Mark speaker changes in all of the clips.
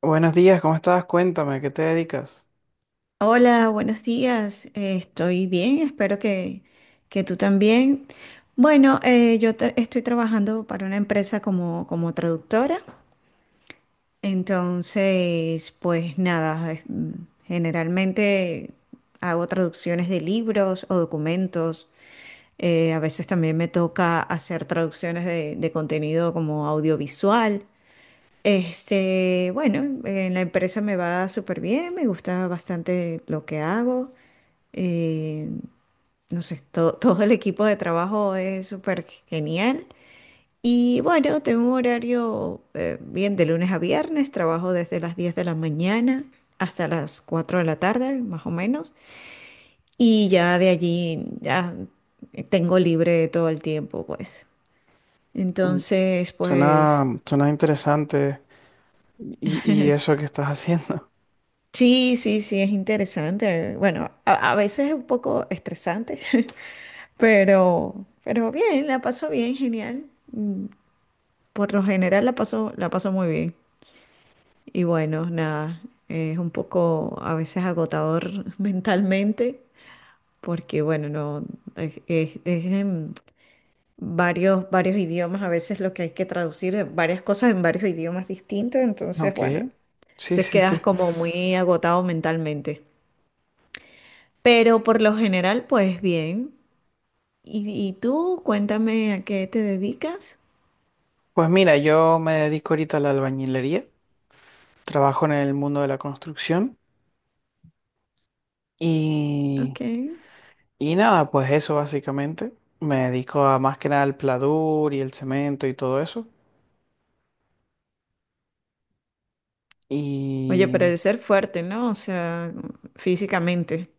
Speaker 1: Buenos días, ¿cómo estás? Cuéntame, ¿a ¿qué te dedicas?
Speaker 2: Hola, buenos días. Estoy bien, espero que tú también. Bueno, yo estoy trabajando para una empresa como, como traductora, entonces, pues nada, generalmente hago traducciones de libros o documentos. A veces también me toca hacer traducciones de contenido como audiovisual. Este, bueno, en la empresa me va súper bien, me gusta bastante lo que hago. Eh, no sé, todo el equipo de trabajo es súper genial. Y bueno, tengo un horario bien de lunes a viernes, trabajo desde las 10 de la mañana hasta las 4 de la tarde, más o menos. Y ya de allí ya tengo libre todo el tiempo, pues.
Speaker 1: Mm,
Speaker 2: Entonces,
Speaker 1: Suena,
Speaker 2: pues
Speaker 1: suena interesante. ¿Y, y eso
Speaker 2: es-
Speaker 1: que estás haciendo?
Speaker 2: sí, sí, sí, es interesante. Bueno, a veces es un poco estresante, pero, pero bien, la paso bien, genial. Mm. Por lo general la paso muy bien. Y bueno, nada, es un poco a veces agotador mentalmente, porque bueno, no, es en varios idiomas, a veces lo que hay que traducir, varias cosas en varios idiomas distintos, entonces
Speaker 1: Ok,
Speaker 2: bueno,
Speaker 1: sí,
Speaker 2: se
Speaker 1: sí, sí.
Speaker 2: quedas como muy agotado mentalmente. Pero por lo general, pues bien. Y tú, cuéntame a qué te dedicas.
Speaker 1: Pues mira, yo me dedico ahorita a la albañilería, trabajo en el mundo de la construcción y,
Speaker 2: Ok.
Speaker 1: y nada, pues eso básicamente. Me dedico a más que nada al pladur y el cemento y todo eso.
Speaker 2: Oye,
Speaker 1: Y
Speaker 2: pero de ser fuerte, ¿no? O sea, físicamente.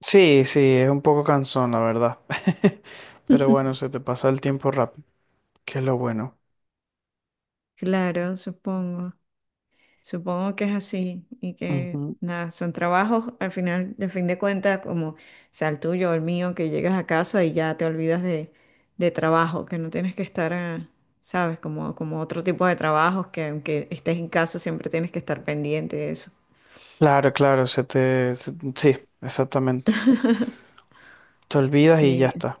Speaker 1: sí, sí, es un poco cansón, la verdad. Pero bueno, se te pasa el tiempo rápido, que es lo bueno.
Speaker 2: Claro, supongo. Supongo que es así y que
Speaker 1: Ujú.
Speaker 2: nada, son trabajos al final, de fin de cuentas, como sea el tuyo o el mío, que llegas a casa y ya te olvidas de trabajo, que no tienes que estar, ah, sabes, como, como otro tipo de trabajos que aunque estés en casa siempre tienes que estar pendiente de eso.
Speaker 1: Claro, claro, sí, exactamente. Te olvidas y ya
Speaker 2: Sí,
Speaker 1: está.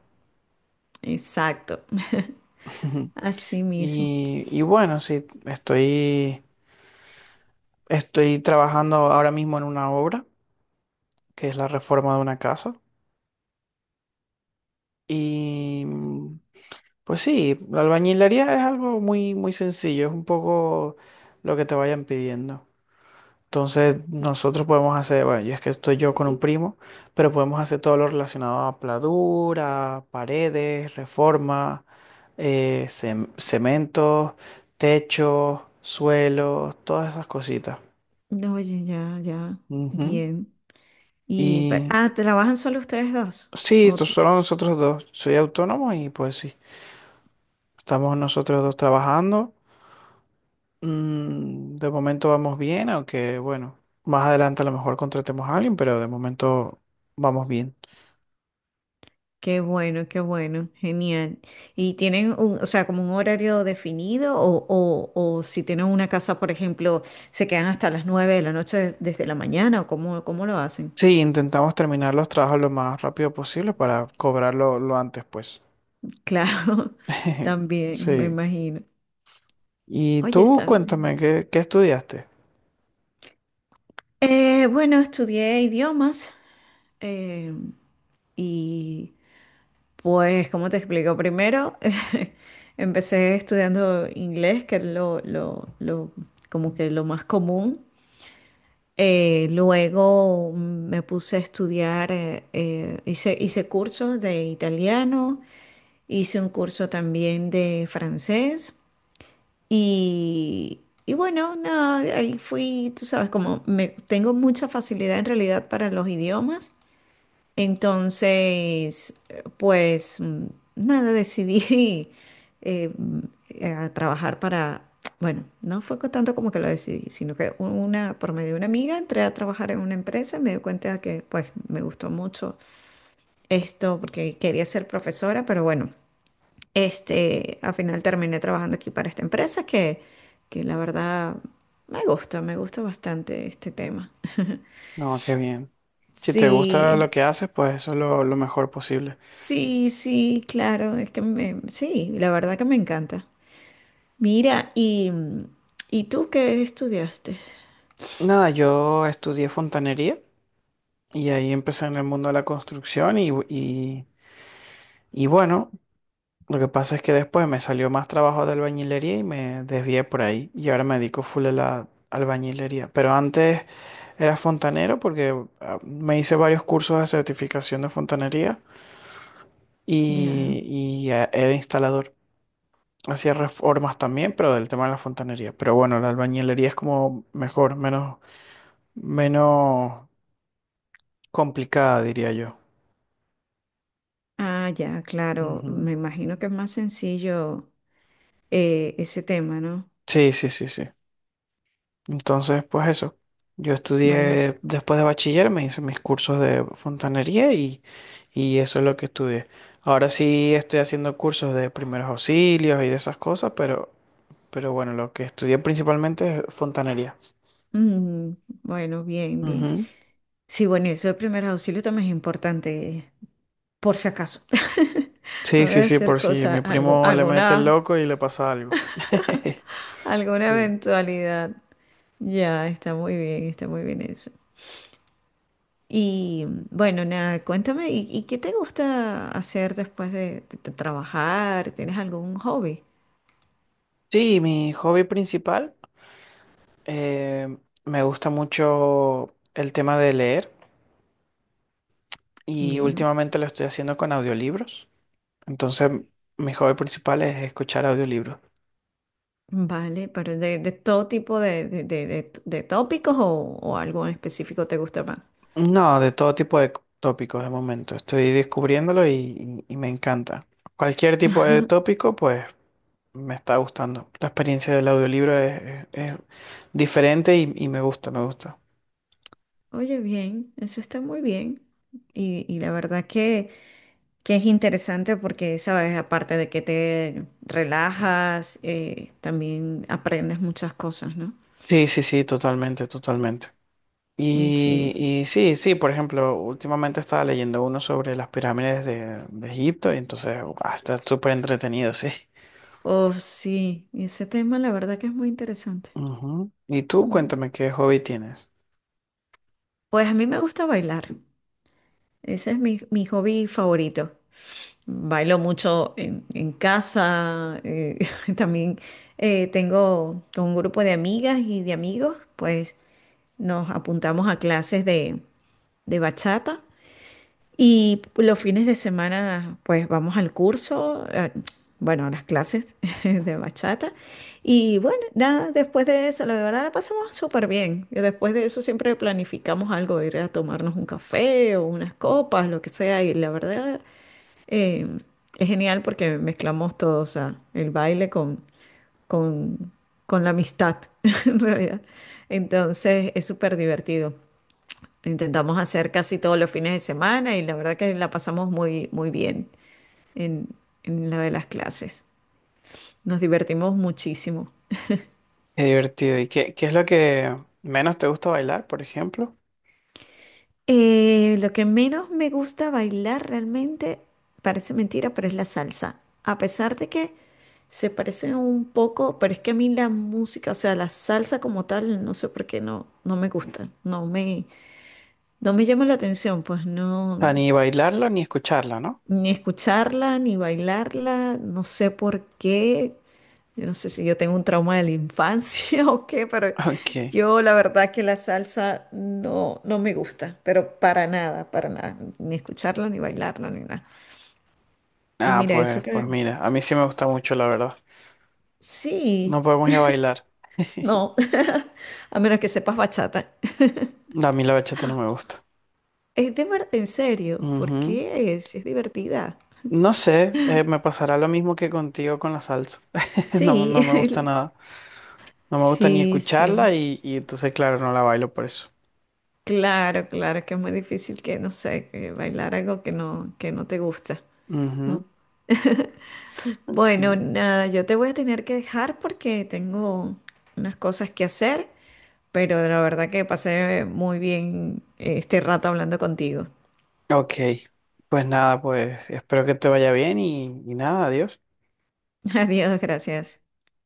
Speaker 2: exacto. Así mismo.
Speaker 1: Y bueno, sí, estoy trabajando ahora mismo en una obra, que es la reforma de una casa. Y pues sí, la albañilería es algo muy, muy sencillo, es un poco lo que te vayan pidiendo. Entonces, nosotros podemos hacer, bueno, yo es que estoy yo con un primo, pero podemos hacer todo lo relacionado a pladura, paredes, reforma, cementos, techos, suelos, todas esas cositas.
Speaker 2: No. Oye, ya, ya.
Speaker 1: Ujú.
Speaker 2: Bien. Y,
Speaker 1: Y
Speaker 2: ah, ¿trabajan solo ustedes dos?
Speaker 1: sí, esto solo nosotros dos. Soy autónomo y pues sí, estamos nosotros dos trabajando. Mm, de momento vamos bien, aunque bueno, más adelante a lo mejor contratemos a alguien, pero de momento vamos bien.
Speaker 2: Qué bueno, genial. ¿Y tienen un, o sea, como un horario definido o si tienen una casa, por ejemplo, se quedan hasta las 9 de la noche desde la mañana o cómo, cómo lo hacen?
Speaker 1: Sí, intentamos terminar los trabajos lo más rápido posible para cobrarlo lo antes, pues.
Speaker 2: Claro, también, me
Speaker 1: Sí.
Speaker 2: imagino.
Speaker 1: Y
Speaker 2: Oye,
Speaker 1: tú
Speaker 2: está bien.
Speaker 1: cuéntame, ¿qué estudiaste?
Speaker 2: Bueno, estudié idiomas eh, y pues, ¿cómo te explico? Primero, empecé estudiando inglés, que es lo, como que lo más común. Luego me puse a estudiar, hice cursos de italiano, hice un curso también de francés y, y bueno, nada, ahí fui, tú sabes, como me, tengo mucha facilidad en realidad para los idiomas. Entonces, pues nada, decidí eh, mm, a trabajar para, bueno, no fue tanto como que lo decidí, sino que una, por medio de una amiga entré a trabajar en una empresa y me di cuenta que pues me gustó mucho esto porque quería ser profesora, pero bueno, este, al final terminé trabajando aquí para esta empresa que la verdad me gusta bastante este tema.
Speaker 1: No, qué bien. Si te gusta
Speaker 2: Sí.
Speaker 1: lo que haces, pues eso es lo mejor posible.
Speaker 2: Sí, sí, claro, es que me, sí, la verdad que me encanta. Mira, ¿y tú qué estudiaste?
Speaker 1: Nada, yo estudié fontanería y ahí empecé en el mundo de la construcción y bueno, lo que pasa es que después me salió más trabajo de albañilería y me desvié por ahí. Y ahora me dedico full a la albañilería. Pero antes era fontanero porque me hice varios cursos de certificación de fontanería
Speaker 2: Ya.
Speaker 1: y, y era instalador. Hacía reformas también, pero del tema de la fontanería. Pero bueno, la albañilería es como mejor, menos complicada, diría yo.
Speaker 2: Ah, ya, claro,
Speaker 1: Ujú.
Speaker 2: me imagino que es más sencillo ese tema, ¿no?
Speaker 1: Sí, sí, sí, sí. Entonces, pues eso. Yo
Speaker 2: Bueno,
Speaker 1: estudié después de bachiller, me hice mis cursos de fontanería y eso es lo que estudié. Ahora sí estoy haciendo cursos de primeros auxilios y de esas cosas, pero bueno, lo que estudié principalmente es fontanería.
Speaker 2: mm, bueno, bien, bien.
Speaker 1: Ujú.
Speaker 2: Sí, bueno, eso de primeros auxilios también es importante, por si acaso. No
Speaker 1: Sí,
Speaker 2: voy
Speaker 1: sí,
Speaker 2: a
Speaker 1: sí,
Speaker 2: hacer
Speaker 1: por si a
Speaker 2: cosa,
Speaker 1: mi
Speaker 2: algo,
Speaker 1: primo le mete el loco y le pasa algo.
Speaker 2: alguna
Speaker 1: Sí,
Speaker 2: eventualidad. Ya, está muy bien eso. Y bueno, nada, cuéntame, y qué te gusta hacer después de, de trabajar? ¿Tienes algún hobby?
Speaker 1: sí, mi hobby principal, eh, me gusta mucho el tema de leer y
Speaker 2: Bien,
Speaker 1: últimamente lo estoy haciendo con audiolibros. Entonces, mi hobby principal es escuchar audiolibros.
Speaker 2: vale, pero de todo tipo de, de tópicos o algo en específico te gusta más.
Speaker 1: No, de todo tipo de c- tópicos de momento. Estoy descubriéndolo y me encanta. Cualquier tipo de
Speaker 2: Ajá.
Speaker 1: tópico, pues me está gustando. La experiencia del audiolibro es diferente y me gusta, me gusta.
Speaker 2: Oye, bien, eso está muy bien. Y la verdad que es interesante porque, sabes, aparte de que te relajas, también aprendes muchas cosas, ¿no?
Speaker 1: Sí, sí, sí, totalmente, totalmente.
Speaker 2: Mm.
Speaker 1: Y,
Speaker 2: Sí.
Speaker 1: y sí, sí, por ejemplo, últimamente estaba leyendo uno sobre las pirámides de Egipto y entonces ah, está súper entretenido, sí.
Speaker 2: Oh, sí, y ese tema la verdad que es muy interesante.
Speaker 1: Ujú. Y tú
Speaker 2: Mm.
Speaker 1: cuéntame qué hobby tienes.
Speaker 2: Pues a mí me gusta bailar, ese es mi, mi hobby favorito. Bailo mucho en casa, también tengo con un grupo de amigas y de amigos, pues nos apuntamos a clases de bachata. Y los fines de semana, pues vamos al curso, bueno, a las clases de bachata. Y bueno, nada, después de eso, la verdad la pasamos súper bien. Y después de eso siempre planificamos algo, ir a tomarnos un café o unas copas, lo que sea. Y la verdad eh, es genial porque mezclamos todo, o sea, el baile con, con la amistad, en realidad. Entonces es súper divertido. Intentamos hacer casi todos los fines de semana y la verdad que la pasamos muy, muy bien en, en lo de las clases. Nos divertimos muchísimo.
Speaker 1: Qué divertido. ¿Y qué es lo que menos te gusta bailar, por ejemplo?
Speaker 2: Lo que menos me gusta bailar realmente, parece mentira, pero es la salsa. A pesar de que se parecen un poco, pero es que a mí la música, o sea, la salsa como tal, no sé por qué no, no me gusta. No me, no me llama la atención, pues
Speaker 1: O
Speaker 2: no,
Speaker 1: sea, ni bailarlo ni escucharlo, ¿no?
Speaker 2: ni escucharla, ni bailarla, no sé por qué. Yo no sé si yo tengo un trauma de la infancia o qué, pero
Speaker 1: Ok.
Speaker 2: yo la verdad que la salsa no, no me gusta, pero para nada, ni escucharla, ni bailarla, ni nada. Y
Speaker 1: Ah,
Speaker 2: mira, eso
Speaker 1: pues
Speaker 2: que...
Speaker 1: mira, a mí sí me gusta mucho, la verdad.
Speaker 2: Sí,
Speaker 1: No podemos ir a bailar.
Speaker 2: no, a menos que sepas bachata.
Speaker 1: No, a mí la bachata no me gusta.
Speaker 2: Es de verdad, en serio, ¿por
Speaker 1: Ujú.
Speaker 2: qué es? Es divertida.
Speaker 1: No sé, me pasará lo mismo que contigo con la salsa. No,
Speaker 2: Sí,
Speaker 1: no me gusta nada. No me gusta ni
Speaker 2: sí, sí.
Speaker 1: escucharla y entonces, claro, no la bailo por eso.
Speaker 2: Claro, claro, que es muy difícil que, no sé, que bailar algo que no te gusta. No.
Speaker 1: Ujú,
Speaker 2: Bueno,
Speaker 1: sí.
Speaker 2: nada, yo te voy a tener que dejar porque tengo unas cosas que hacer, pero la verdad que pasé muy bien este rato hablando contigo.
Speaker 1: Ok. Pues nada, pues espero que te vaya bien y nada, adiós.
Speaker 2: Adiós, gracias.